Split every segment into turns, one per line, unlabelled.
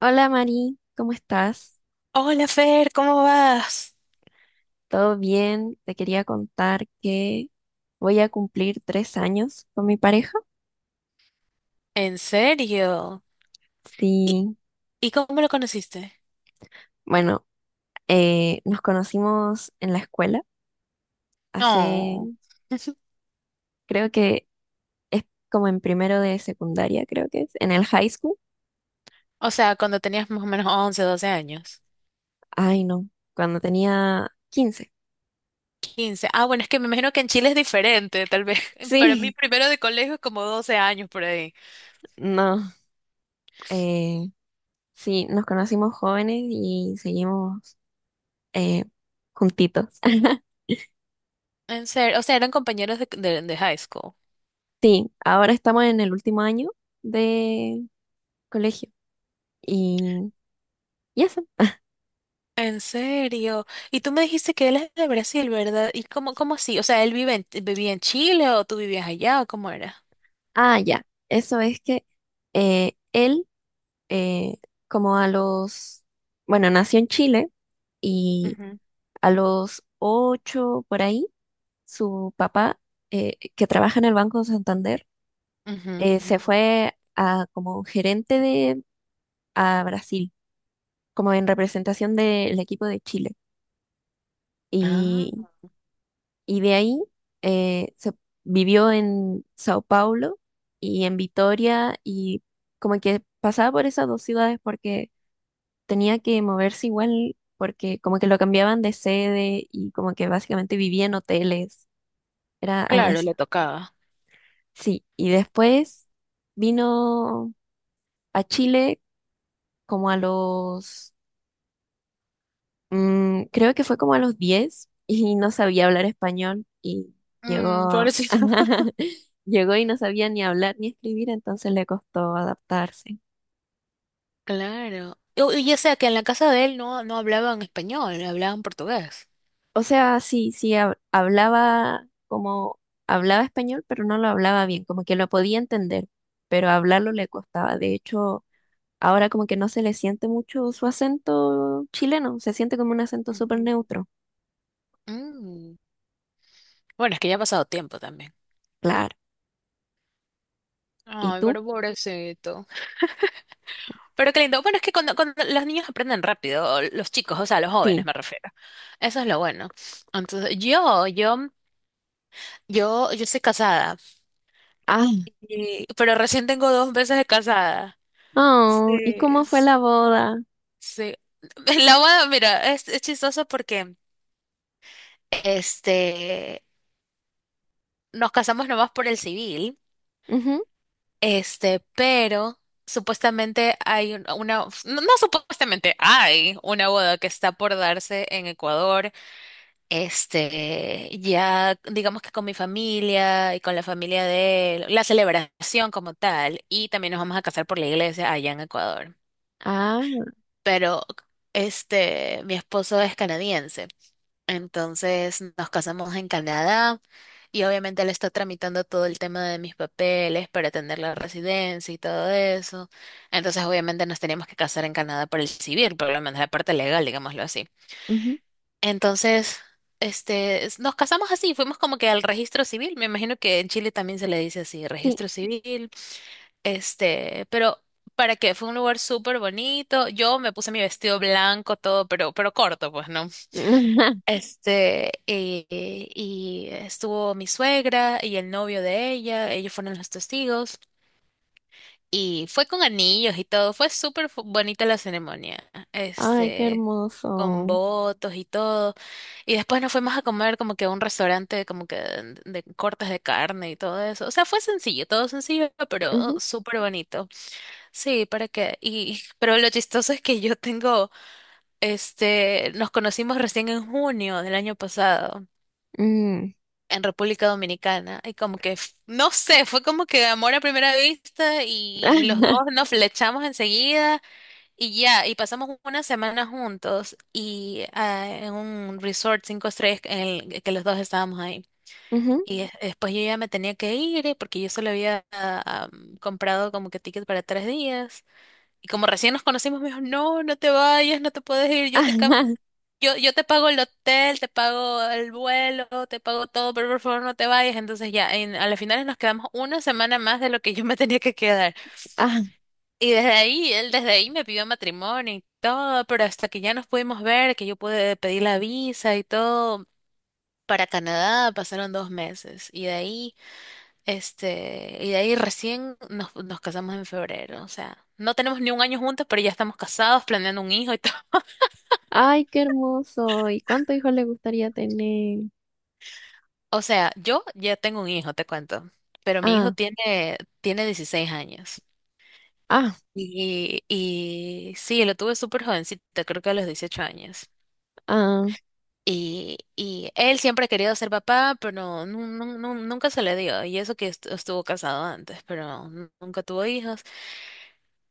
Hola Mari, ¿cómo estás?
Hola Fer, ¿cómo vas?
¿Todo bien? Te quería contar que voy a cumplir 3 años con mi pareja.
¿En serio? ¿Y,
Sí,
y cómo lo conociste?
bueno, nos conocimos en la escuela
Oh,
hace, creo que es como en primero de secundaria, creo que es, en el high school.
o sea, cuando tenías más o menos 11, 12 años.
Ay, no, cuando tenía 15.
15. Ah, bueno, es que me imagino que en Chile es diferente, tal vez. Para mí,
Sí,
primero de colegio es como 12 años por ahí.
no, eh, sí, nos conocimos jóvenes y seguimos eh, juntitos.
En serio, o sea, eran compañeros de high school.
Sí, ahora estamos en el último año de colegio y, y eso.
En serio. Y tú me dijiste que él es de Brasil, ¿verdad? ¿Y cómo así? O sea, ¿él vivía en Chile o tú vivías allá o cómo era?
Ah, ya. Eso es que él, eh, como a los, bueno, nació en Chile y
Ujú,
a los 8 por ahí, su papá, que trabaja en el Banco Santander,
ujú.
se fue a, como gerente de, a Brasil, como en representación del equipo de Chile.
Ah,
Y de ahí se vivió en Sao Paulo y en Vitoria y como que pasaba por esas dos ciudades porque tenía que moverse igual porque como que lo cambiaban de sede y como que básicamente vivía en hoteles, era algo
claro,
así.
le tocaba.
Sí, y después vino a Chile como a los Mm, creo que fue como a los 10 y no sabía hablar español y
Mm,
llegó,
pobrecito.
llegó y no sabía ni hablar ni escribir, entonces le costó adaptarse.
Claro. Y, ya sea que en la casa de él no, no hablaban español, hablaban portugués.
O sea, sí, sí, hablaba como, hablaba español, pero no lo hablaba bien, como que lo podía entender, pero hablarlo le costaba. De hecho, ahora como que no se le siente mucho su acento chileno, se siente como un acento súper
Ujú.
neutro.
Mm. Bueno, es que ya ha pasado tiempo también.
Claro. ¿Y
Ay,
tú?
pero pobrecito. Pero qué lindo. Bueno, es que cuando, cuando los niños aprenden rápido, o los chicos, o sea, los jóvenes
Sí.
me refiero. Eso es lo bueno. Entonces, yo estoy casada,
Ah.
pero recién tengo 2 meses de casada. Sí,
Oh, ¿y cómo fue
s-
la boda?
sí. La boda, mira, es chistoso porque, este, nos casamos nomás por el civil, pero supuestamente hay una, no, no supuestamente, hay una boda que está por darse en Ecuador, ya digamos que con mi familia y con la familia de él, la celebración como tal, y también nos vamos a casar por la iglesia allá en Ecuador.
Ah,
Pero, mi esposo es canadiense. Entonces nos casamos en Canadá y obviamente él está tramitando todo el tema de mis papeles para tener la residencia y todo eso. Entonces obviamente nos teníamos que casar en Canadá por el civil, por lo menos la parte legal, digámoslo así.
ujú,
Entonces, nos casamos así, fuimos como que al registro civil. Me imagino que en Chile también se le dice así,
sí.
registro civil. Pero para que fue un lugar súper bonito. Yo me puse mi vestido blanco, todo, pero corto, pues, ¿no? Este, eh, y estuvo mi suegra y el novio de ella, ellos fueron los testigos, y fue con anillos y todo, fue súper bonita la ceremonia,
Ay, qué
este, con
hermoso.
votos y todo, y después nos fuimos a comer como que a un restaurante como que de cortes de carne y todo eso, o sea, fue sencillo, todo sencillo, pero
Ujú,
súper bonito, sí, para que, y, pero lo chistoso es que nos conocimos recién en junio del año pasado.
mm.
En República Dominicana y como que, no sé, fue como que amor a primera vista y los dos nos flechamos enseguida y ya, y pasamos una semana juntos y en un resort 5 estrellas en el que los dos estábamos ahí.
Ujú,
Y después yo ya me tenía que ir porque yo solo había comprado como que ticket para 3 días. Y como recién nos conocimos, me dijo, no, no te vayas, no te puedes ir, yo te cambio,
ajá,
yo te pago el hotel, te pago el vuelo, te pago todo, pero por favor no te vayas. Entonces ya, en, a las finales nos quedamos una semana más de lo que yo me tenía que quedar.
ah.
Y desde ahí, él desde ahí me pidió matrimonio y todo, pero hasta que ya nos pudimos ver, que yo pude pedir la visa y todo. Para Canadá pasaron 2 meses y de ahí, y de ahí recién nos casamos en febrero. O sea, no tenemos ni un año juntos, pero ya estamos casados, planeando un hijo y todo.
Ay, qué hermoso. ¿Y cuánto hijos le gustaría tener?
O sea, yo ya tengo un hijo, te cuento, pero mi hijo
Ah,
tiene 16 años.
ah,
Y sí, lo tuve súper jovencito, creo que a los 18 años.
ah.
Y él siempre ha querido ser papá, pero no, nunca se le dio. Y eso que estuvo casado antes, pero nunca tuvo hijos.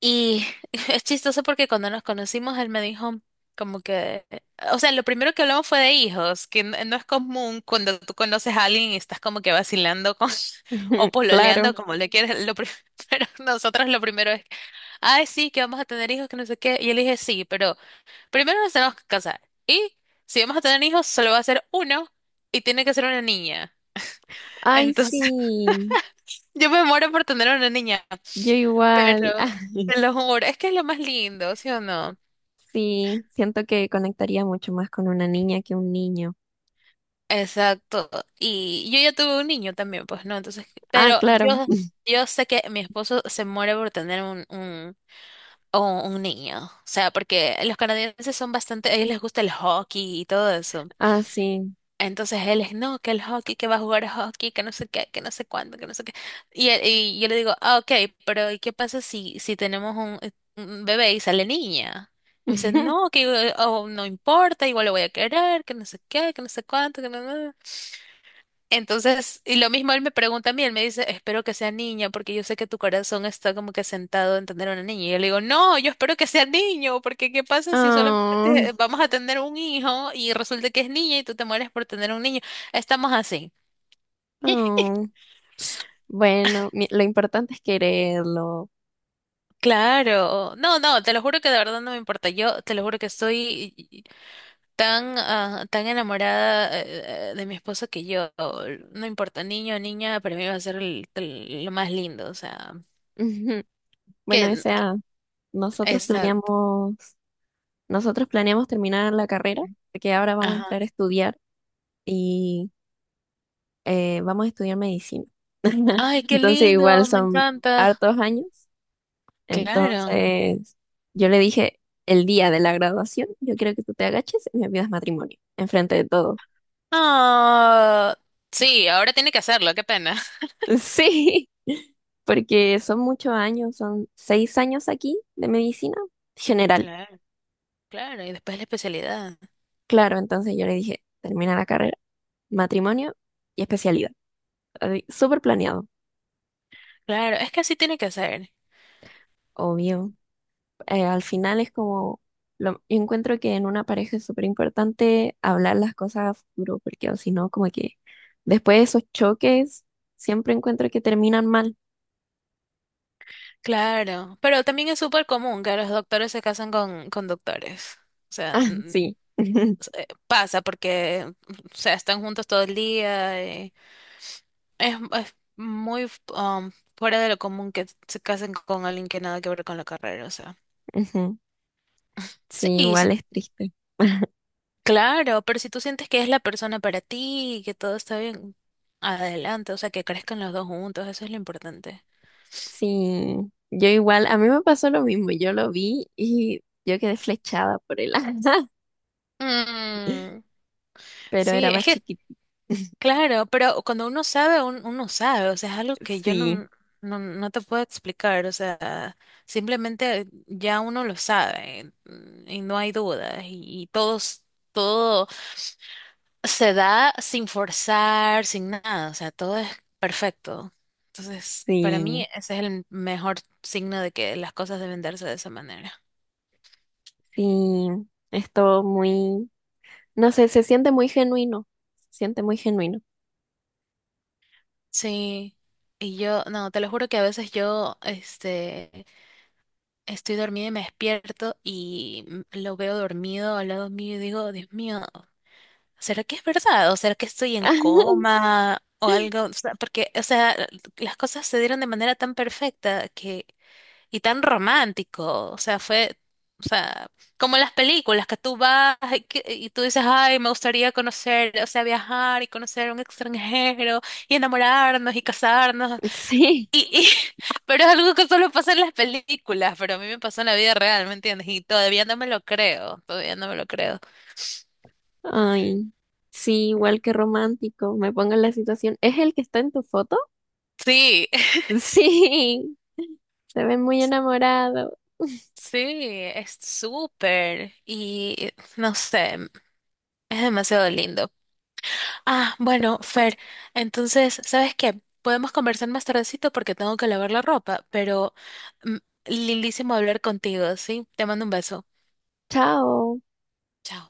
Y es chistoso porque cuando nos conocimos, él me dijo como que, o sea, lo primero que hablamos fue de hijos, que no es común cuando tú conoces a alguien y estás como que vacilando con, o
Claro.
pololeando, como le quieres, pero nosotros lo primero es, ay, sí, que vamos a tener hijos, que no sé qué, y él dije, sí, pero primero nos tenemos que casar, y si vamos a tener hijos, solo va a ser uno, y tiene que ser una niña.
Ay,
Entonces,
sí.
yo me muero por tener una niña,
Yo igual.
pero... Te lo juro, es que es lo más lindo, ¿sí o no?
Sí. Siento que conectaría mucho más con una niña que un niño.
Exacto. Y yo ya tuve un niño también, pues no, entonces,
Ah,
pero
claro.
yo, yo sé que mi esposo se muere por tener un, un niño. O sea, porque los canadienses son bastante, a ellos les gusta el hockey y todo eso.
Ah, sí.
Entonces él es, no, que el hockey, que va a jugar hockey, que no sé qué, que no sé cuándo, que no sé qué. Y, y yo le digo, ah, ok, pero ¿y qué pasa si, si tenemos un, bebé y sale niña? Y me dice, no, que oh, no importa, igual lo voy a querer, que no sé qué, que no sé cuánto, que no. No, no, entonces, y lo mismo él me pregunta a mí, él me dice, espero que sea niña, porque yo sé que tu corazón está como que sentado en tener una niña. Y yo le digo, no, yo espero que sea niño, porque ¿qué pasa si
Oh,
solamente vamos a tener un hijo y resulta que es niña y tú te mueres por tener un niño? Estamos así.
oh. Bueno, lo importante es quererlo.
Claro, no, no, te lo juro que de verdad no me importa. Yo te lo juro que estoy tan, tan enamorada de mi esposo que yo, no importa, niño o niña, para mí va a ser lo más lindo, o sea,
Ujú. Bueno, o
que, que-
sea, nosotros
exacto.
planeamos, nosotros planeamos terminar la carrera, porque ahora vamos a
Ajá.
entrar a estudiar y vamos a estudiar medicina.
Ay, qué
Entonces, igual
lindo, me
son
encanta.
hartos años.
Claro.
Entonces, yo le dije, el día de la graduación, yo quiero que tú te agaches y me pidas matrimonio, enfrente de todos.
Ah, sí, ahora tiene que hacerlo, qué pena.
Sí, porque son muchos años, son 6 años aquí de medicina general.
Claro, claro, y después la especialidad.
Claro, entonces yo le dije, termina la carrera, matrimonio y especialidad. Así, súper planeado,
Claro, es que así tiene que ser.
obvio. Al final es como, lo, yo encuentro que en una pareja es súper importante hablar las cosas a futuro, porque o si no, como que después de esos choques, siempre encuentro que terminan mal.
Claro, pero también es súper común que los doctores se casan con doctores. O sea,
Ah, sí.
pasa porque, o sea, están juntos todo el día y es muy fuera de lo común que se casen con alguien que nada que ver con la carrera, o sea.
Ujú.
Sí,
Sí, igual es triste.
Claro, pero si tú sientes que es la persona para ti y que todo está bien, adelante, o sea, que crezcan los dos juntos, eso es lo importante.
Sí, yo igual, a mí me pasó lo mismo, yo lo vi y yo quedé flechada por él,
Mm,
pero
sí,
era
es
más
que,
chiquito.
claro, pero cuando uno sabe, uno sabe, o sea, es algo que yo
Sí,
no, no te puedo explicar, o sea, simplemente ya uno lo sabe, y no hay dudas y, todos, todo. Se da sin forzar, sin nada, o sea, todo es perfecto. Entonces, para mí
sí,
ese es el mejor signo de que las cosas deben darse de esa manera.
sí. Es todo muy, no sé, se siente muy genuino. Se siente muy genuino.
Sí, y yo, no, te lo juro que a veces yo, estoy dormida y me despierto y lo veo dormido al lado mío y digo, Dios mío, ¿será que es verdad? ¿O será que estoy en coma? O algo, o sea, porque, o sea, las cosas se dieron de manera tan perfecta que y tan romántico. O sea, fue, o sea, como las películas que tú vas y, y tú dices, ay, me gustaría conocer, o sea, viajar y conocer a un extranjero y enamorarnos y casarnos.
Sí,
Y, y, pero es algo que solo pasa en las películas, pero a mí me pasó en la vida real, ¿me entiendes? Y todavía no me lo creo, todavía no me lo creo.
ay, sí, igual que romántico. Me pongo en la situación. ¿Es el que está en tu foto?
Sí,
Sí, se ve muy enamorado.
sí, es súper y no sé, es demasiado lindo. Ah, bueno, Fer, entonces, ¿sabes qué? Podemos conversar más tardecito porque tengo que lavar la ropa, pero mm, lindísimo hablar contigo, ¿sí? Te mando un beso.
Chao.
Chao.